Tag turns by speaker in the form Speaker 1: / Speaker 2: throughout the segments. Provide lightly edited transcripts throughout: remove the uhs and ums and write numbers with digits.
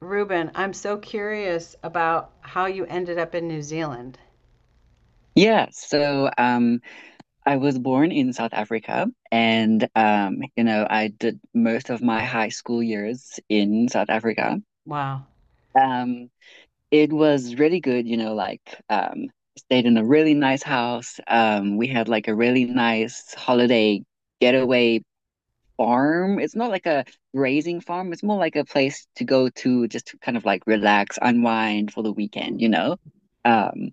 Speaker 1: Ruben, I'm so curious about how you ended up in New Zealand.
Speaker 2: Yeah, so um, I was born in South Africa, and I did most of my high school years in South Africa.
Speaker 1: Wow.
Speaker 2: Um, it was really good, um, stayed in a really nice house. We had like a really nice holiday getaway farm. It's not like a grazing farm, it's more like a place to go to just to kind of like relax, unwind for the weekend. Um,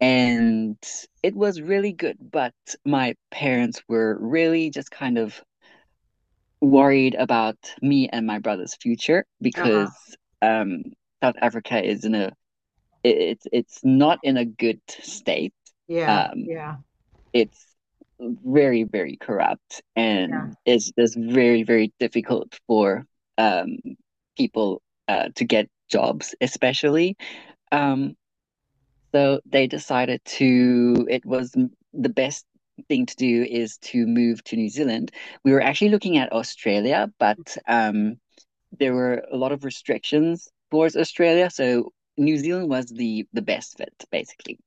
Speaker 2: and it was really good, but my parents were really just kind of worried about me and my brother's future
Speaker 1: Uh-huh.
Speaker 2: because South Africa is in a it's not in a good state.
Speaker 1: Yeah,
Speaker 2: Um,
Speaker 1: yeah,
Speaker 2: it's very, very corrupt
Speaker 1: yeah.
Speaker 2: and it's just very, very difficult for um, people to get jobs, especially. Um, So they decided to, it was the best thing to do is to move to New Zealand. We were actually looking at Australia, but um, there were a lot of restrictions towards Australia. So New Zealand was the best fit, basically.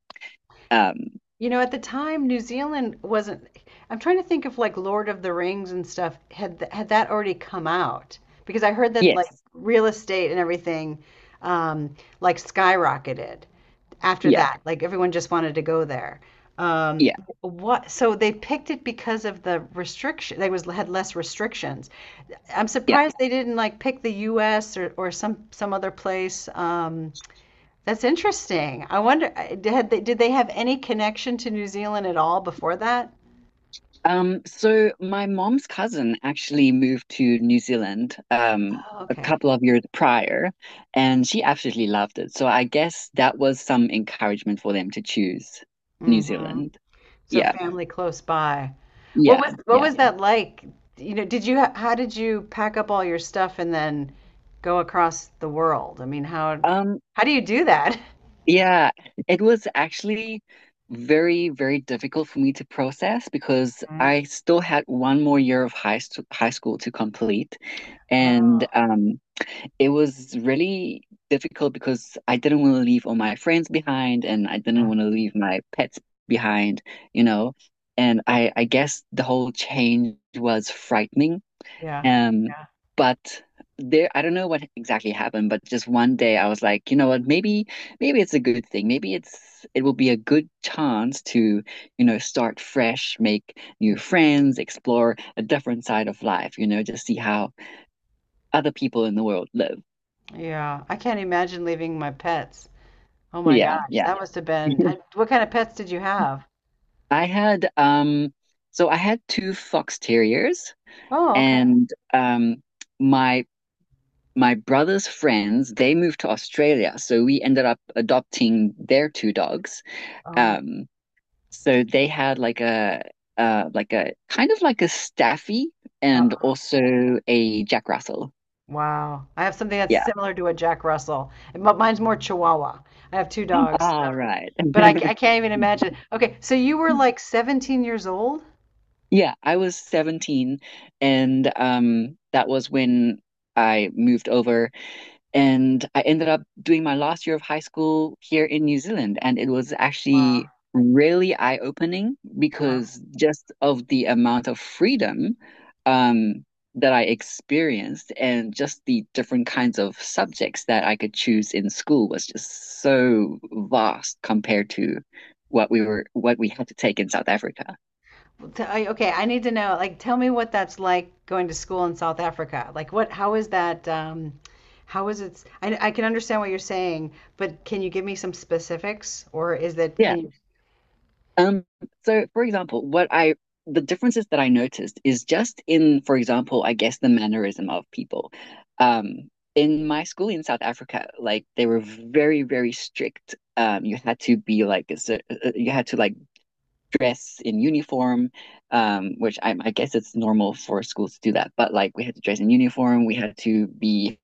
Speaker 2: Um,
Speaker 1: You know, at the time, New Zealand wasn't— I'm trying to think if like Lord of the Rings and stuff had th had that already come out, because I heard that like
Speaker 2: yes.
Speaker 1: real estate and everything, um like skyrocketed after
Speaker 2: Yeah.
Speaker 1: that. Like everyone just wanted to go there. Um
Speaker 2: Yeah.
Speaker 1: what, so they picked it because of the restriction, they was— had less restrictions. I'm
Speaker 2: Yeah.
Speaker 1: surprised they didn't like pick the US or some other place. That's interesting. I wonder, did they have any connection to New Zealand at all before that?
Speaker 2: So my mom's cousin actually moved to New Zealand
Speaker 1: Oh,
Speaker 2: a
Speaker 1: okay.
Speaker 2: couple of years prior, and she absolutely loved it. So I guess that was some encouragement for them to choose New
Speaker 1: Hmm.
Speaker 2: Zealand.
Speaker 1: So
Speaker 2: Yeah,
Speaker 1: family close by. What
Speaker 2: yeah,
Speaker 1: was what
Speaker 2: yeah.
Speaker 1: was that like? You know, did you ha- how did you pack up all your stuff and then go across the world? I mean,
Speaker 2: Um,
Speaker 1: how do you do that?
Speaker 2: yeah, it was actually very, very difficult for me to process because
Speaker 1: Mhm.
Speaker 2: I still had one more year of high school to complete, and
Speaker 1: Oh,
Speaker 2: it was really difficult because I didn't want to leave all my friends behind and I didn't
Speaker 1: yeah,
Speaker 2: want to leave my pets behind, you know. And I guess the whole change was frightening.
Speaker 1: yeah,
Speaker 2: Um,
Speaker 1: yeah.
Speaker 2: but there, I don't know what exactly happened, but just one day I was like, maybe, maybe it's a good thing. Maybe it's, it will be a good chance to, start fresh, make new friends, explore a different side of life, just see how other people in the world live.
Speaker 1: Yeah, I can't imagine leaving my pets. Oh my
Speaker 2: Yeah,
Speaker 1: gosh,
Speaker 2: yeah.
Speaker 1: that must have been.
Speaker 2: Mhm.
Speaker 1: I, what kind of pets did you have?
Speaker 2: I had so I had two fox terriers
Speaker 1: Oh, okay.
Speaker 2: and my my brother's friends, they moved to Australia, so we ended up adopting their two dogs,
Speaker 1: Oh,
Speaker 2: um so they had like a kind of like a Staffy
Speaker 1: wow.
Speaker 2: and also a Jack Russell.
Speaker 1: Wow. I have something that's
Speaker 2: Yeah,
Speaker 1: similar to a Jack Russell, and but mine's more Chihuahua. I have two dogs,
Speaker 2: all right.
Speaker 1: but I, ca- I can't even imagine. Okay, so you were like 17 years old?
Speaker 2: Yeah, I was 17, and that was when I moved over. And I ended up doing my last year of high school here in New Zealand. And it was actually
Speaker 1: Wow.
Speaker 2: really eye-opening
Speaker 1: Uh-huh.
Speaker 2: because just of the amount of freedom um, that I experienced and just the different kinds of subjects that I could choose in school was just so vast compared to what we had to take in South Africa.
Speaker 1: Well, t- I- Okay, I need to know. Like, tell me what that's like going to school in South Africa. Like, what? How is that? How is it? I can understand what you're saying, but can you give me some specifics, or is that—
Speaker 2: Yeah.
Speaker 1: can you?
Speaker 2: Um, so for example, what I the differences that I noticed is just in, for example, I guess the mannerism of people. In my school in South Africa, like they were very, very strict. You had to be like a you had to like dress in uniform, which I guess it's normal for schools to do that. But like we had to dress in uniform, we had to be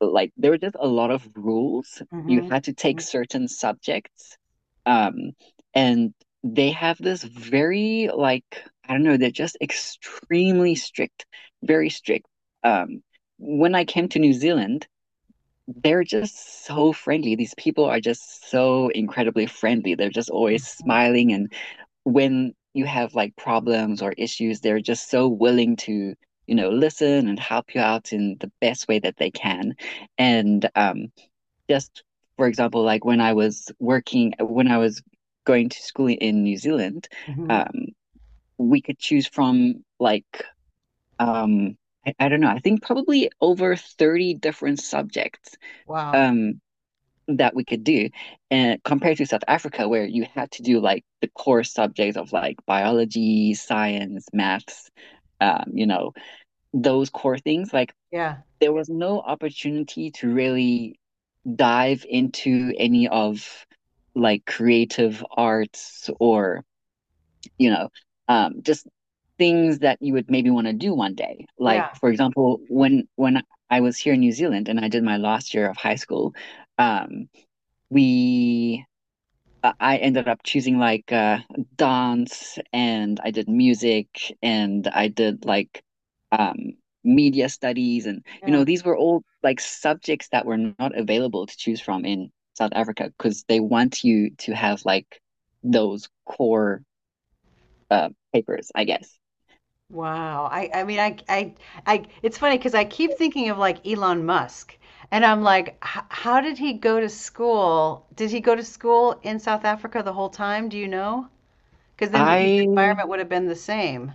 Speaker 2: like there were just a lot of rules. You
Speaker 1: Mm-hmm.
Speaker 2: had to take certain subjects. Um, and they have this very like I don't know, they're just extremely strict, very strict. Um, when I came to New Zealand, they're just so friendly. These people are just so incredibly friendly. They're just always smiling and when you have like problems or issues, they're just so willing to, listen and help you out in the best way that they can. And just for example, when I was going to school in New Zealand,
Speaker 1: Hmm.
Speaker 2: um, we could choose from like um, I don't know, I think probably over 30 different subjects.
Speaker 1: Wow.
Speaker 2: Um, that we could do, and compared to South Africa where you had to do like the core subjects of like biology, science, maths, um, you know, those core things, like
Speaker 1: Yeah.
Speaker 2: there was no opportunity to really dive into any of like creative arts or, you know, just things that you would maybe want to do one day. Like
Speaker 1: Yeah.
Speaker 2: for example, when I was here in New Zealand and I did my last year of high school, um, we I ended up choosing like dance and I did music and I did like um, media studies, and you know
Speaker 1: Yeah.
Speaker 2: these were all like subjects that were not available to choose from in South Africa because they want you to have like those core papers, I guess.
Speaker 1: Wow. I mean I— I it's funny because I keep thinking of like Elon Musk, and I'm like h- how did he go to school? Did he go to school in South Africa the whole time? Do you know? Because then his
Speaker 2: I
Speaker 1: environment would have been the same.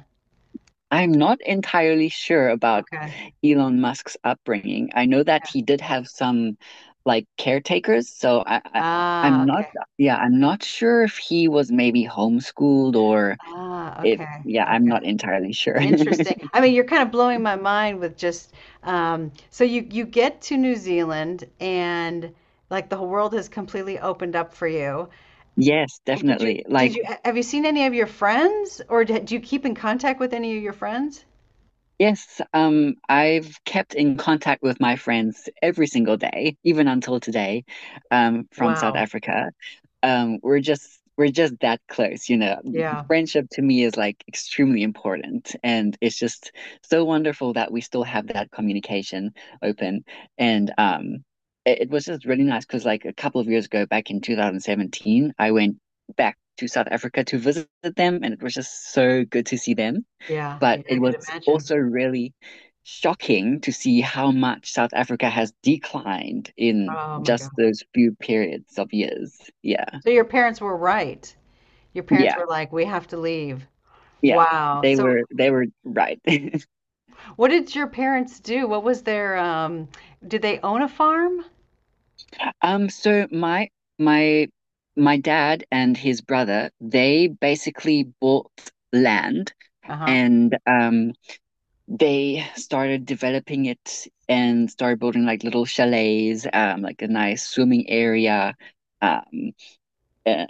Speaker 2: I'm not entirely sure about
Speaker 1: Okay.
Speaker 2: Elon Musk's upbringing. I know that
Speaker 1: Yeah.
Speaker 2: he did have some like caretakers, so
Speaker 1: Ah,
Speaker 2: I'm not,
Speaker 1: okay.
Speaker 2: yeah, I'm not sure if he was maybe homeschooled or
Speaker 1: Ah,
Speaker 2: if,
Speaker 1: okay.
Speaker 2: yeah, I'm
Speaker 1: Okay.
Speaker 2: not entirely sure.
Speaker 1: Interesting. I mean, you're kind of blowing my mind with just so you get to New Zealand and like the whole world has completely opened up for you.
Speaker 2: Yes,
Speaker 1: Did you
Speaker 2: definitely.
Speaker 1: did
Speaker 2: Like
Speaker 1: you— have you seen any of your friends or d- do you keep in contact with any of your friends?
Speaker 2: yes, I've kept in contact with my friends every single day, even until today, from South
Speaker 1: Wow.
Speaker 2: Africa. We're just that close, you know,
Speaker 1: Yeah.
Speaker 2: friendship to me is like extremely important and it's just so wonderful that we still have that communication open. And it, it was just really nice because like a couple of years ago back in 2017 I went back to South Africa to visit them and it was just so good to see them,
Speaker 1: Yeah.
Speaker 2: but
Speaker 1: Yeah, I
Speaker 2: it
Speaker 1: could
Speaker 2: was
Speaker 1: imagine.
Speaker 2: also really shocking to see how much South Africa has declined in
Speaker 1: Oh my God.
Speaker 2: just those few periods of years. Yeah.
Speaker 1: So your parents were right. Your parents
Speaker 2: Yeah,
Speaker 1: were like, "We have to leave."
Speaker 2: yeah.
Speaker 1: Wow.
Speaker 2: They
Speaker 1: So
Speaker 2: were they were right.
Speaker 1: what did your parents do? What was their did they own a farm?
Speaker 2: So my my dad and his brother, they basically bought land,
Speaker 1: Uh-huh.
Speaker 2: and they started developing it and started building like little chalets, like a nice swimming area. Um, uh,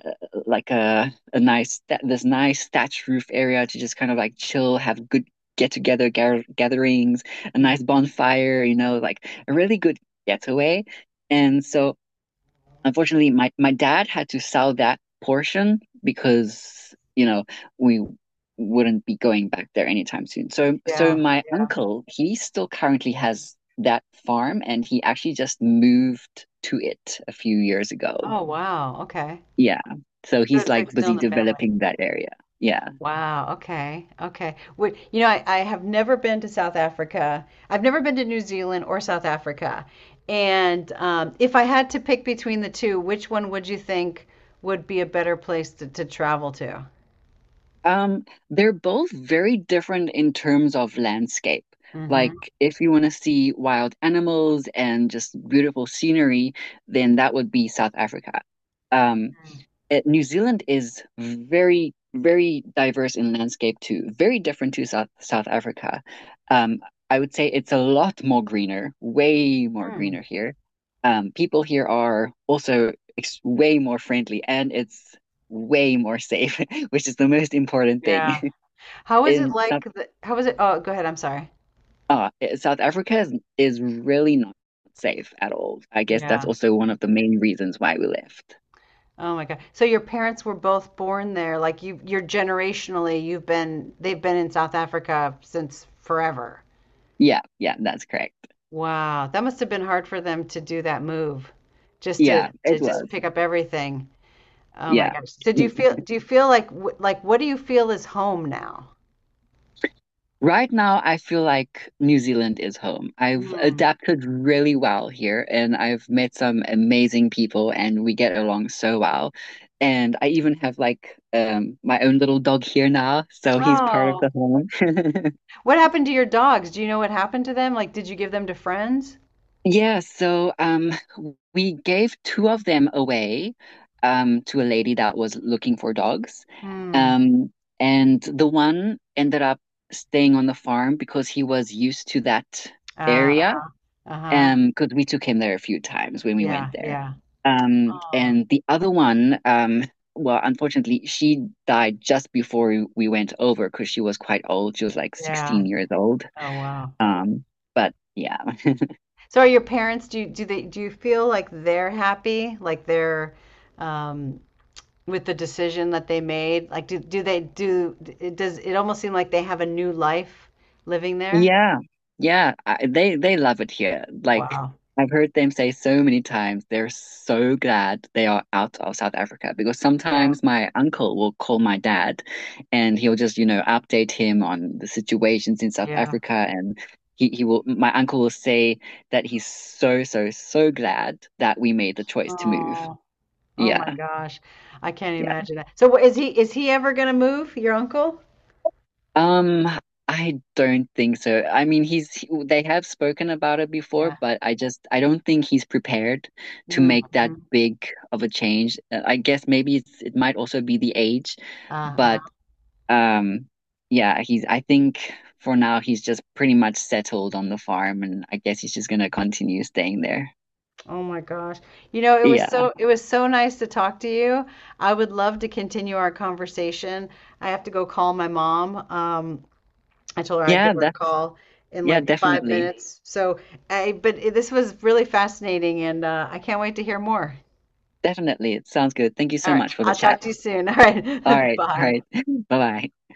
Speaker 2: like a nice, this nice thatched roof area to just kind of like chill, have good gatherings, a nice bonfire, you know, like a really good getaway. And so, unfortunately, my dad had to sell that portion because you know we wouldn't be going back there anytime soon. So
Speaker 1: Yeah.
Speaker 2: my
Speaker 1: Yeah.
Speaker 2: uncle, he still currently has that farm and he actually just moved to it a few years ago.
Speaker 1: Oh wow. Okay.
Speaker 2: Yeah. So
Speaker 1: So
Speaker 2: he's
Speaker 1: it's like
Speaker 2: like
Speaker 1: still in
Speaker 2: busy
Speaker 1: the family.
Speaker 2: developing that area. Yeah.
Speaker 1: Wow, okay, okay. Would you know, I have never been to South Africa. I've never been to New Zealand or South Africa. And if I had to pick between the two, which one would you think would be a better place to travel to?
Speaker 2: Um, they're both very different in terms of landscape. Like
Speaker 1: Mm-hmm.
Speaker 2: if you want to see wild animals and just beautiful scenery, then that would be South Africa. Um, New Zealand is very, very diverse in landscape too, very different to South Africa. Um, I would say it's a lot more greener, way more
Speaker 1: Mm,
Speaker 2: greener here. People here are also ex way more friendly, and it's way more safe, which is the most important thing.
Speaker 1: yeah. How is it
Speaker 2: In South,
Speaker 1: like the, how is it? Oh, go ahead. I'm sorry.
Speaker 2: uh, South Africa is really not safe at all. I guess that's
Speaker 1: Yeah.
Speaker 2: also one of the main reasons why we left.
Speaker 1: Oh my God. So your parents were both born there. Like you, you're generationally, you've been, they've been in South Africa since forever.
Speaker 2: Yeah, yeah, that's correct.
Speaker 1: Wow, that must have been hard for them to do that move, just to— Yeah.
Speaker 2: Yeah,
Speaker 1: to
Speaker 2: it
Speaker 1: just
Speaker 2: was.
Speaker 1: pick up everything. Oh my
Speaker 2: Yeah.
Speaker 1: gosh. Yes. So do you feel like wh- like what do you feel is home now?
Speaker 2: Right now, I feel like New Zealand is home. I've
Speaker 1: Mm.
Speaker 2: adapted really well here and I've met some amazing people and we get along so well. And I even have like my own little dog here now, so he's part of
Speaker 1: Oh,
Speaker 2: the home.
Speaker 1: what happened to your dogs? Do you know what happened to them? Like, did you give them to friends?
Speaker 2: Yeah, so um we gave two of them away to a lady that was looking for dogs.
Speaker 1: Hmm.
Speaker 2: Um and the one ended up staying on the farm because he was used to that area,
Speaker 1: Uh, uh-huh.
Speaker 2: because we took him there a few times when we went
Speaker 1: Yeah,
Speaker 2: there.
Speaker 1: yeah.
Speaker 2: Um,
Speaker 1: Oh,
Speaker 2: and the other one, well, unfortunately, she died just before went over because she was quite old. She was like
Speaker 1: yeah.
Speaker 2: 16 years old.
Speaker 1: Oh, wow.
Speaker 2: Um, but yeah.
Speaker 1: So are your parents, do you, do they, do you feel like they're happy? Like they're, um, with the decision that they made? Like, do, do they do it? Does it almost seem like they have a new life living there?
Speaker 2: Yeah, they love it here. Like
Speaker 1: Wow.
Speaker 2: I've heard them say so many times, they're so glad they are out of South Africa because
Speaker 1: Yeah.
Speaker 2: sometimes my uncle will call my dad, and he'll just you know update him on the situations in South
Speaker 1: Yeah.
Speaker 2: Africa, and he will my uncle will say that he's so so so glad that we made the choice to move.
Speaker 1: Oh. Oh my
Speaker 2: Yeah,
Speaker 1: gosh. I can't
Speaker 2: yeah.
Speaker 1: imagine that. So wh- is he ever gonna move, your uncle?
Speaker 2: Um, I don't think so. I mean, they have spoken about it before,
Speaker 1: Yeah.
Speaker 2: but I don't think he's prepared to make that
Speaker 1: Mm-hmm.
Speaker 2: big of a change. I guess maybe it might also be the age,
Speaker 1: Uh-uh.
Speaker 2: but um, yeah, he's I think for now he's just pretty much settled on the farm, and I guess he's just gonna continue staying there.
Speaker 1: Oh my gosh. You know, it was
Speaker 2: Yeah.
Speaker 1: so— it was so nice to talk to you. I would love to continue our conversation. I have to go call my mom. I told her I'd
Speaker 2: Yeah,
Speaker 1: give her a
Speaker 2: that's
Speaker 1: call in
Speaker 2: yeah,
Speaker 1: like five
Speaker 2: definitely.
Speaker 1: minutes. So, I, but it- this was really fascinating and I can't wait to hear more.
Speaker 2: Definitely. It sounds good. Thank you
Speaker 1: All
Speaker 2: so
Speaker 1: right.
Speaker 2: much for the
Speaker 1: I'll
Speaker 2: chat.
Speaker 1: talk to you soon. All right.
Speaker 2: All right. All
Speaker 1: Bye.
Speaker 2: right. Bye-bye.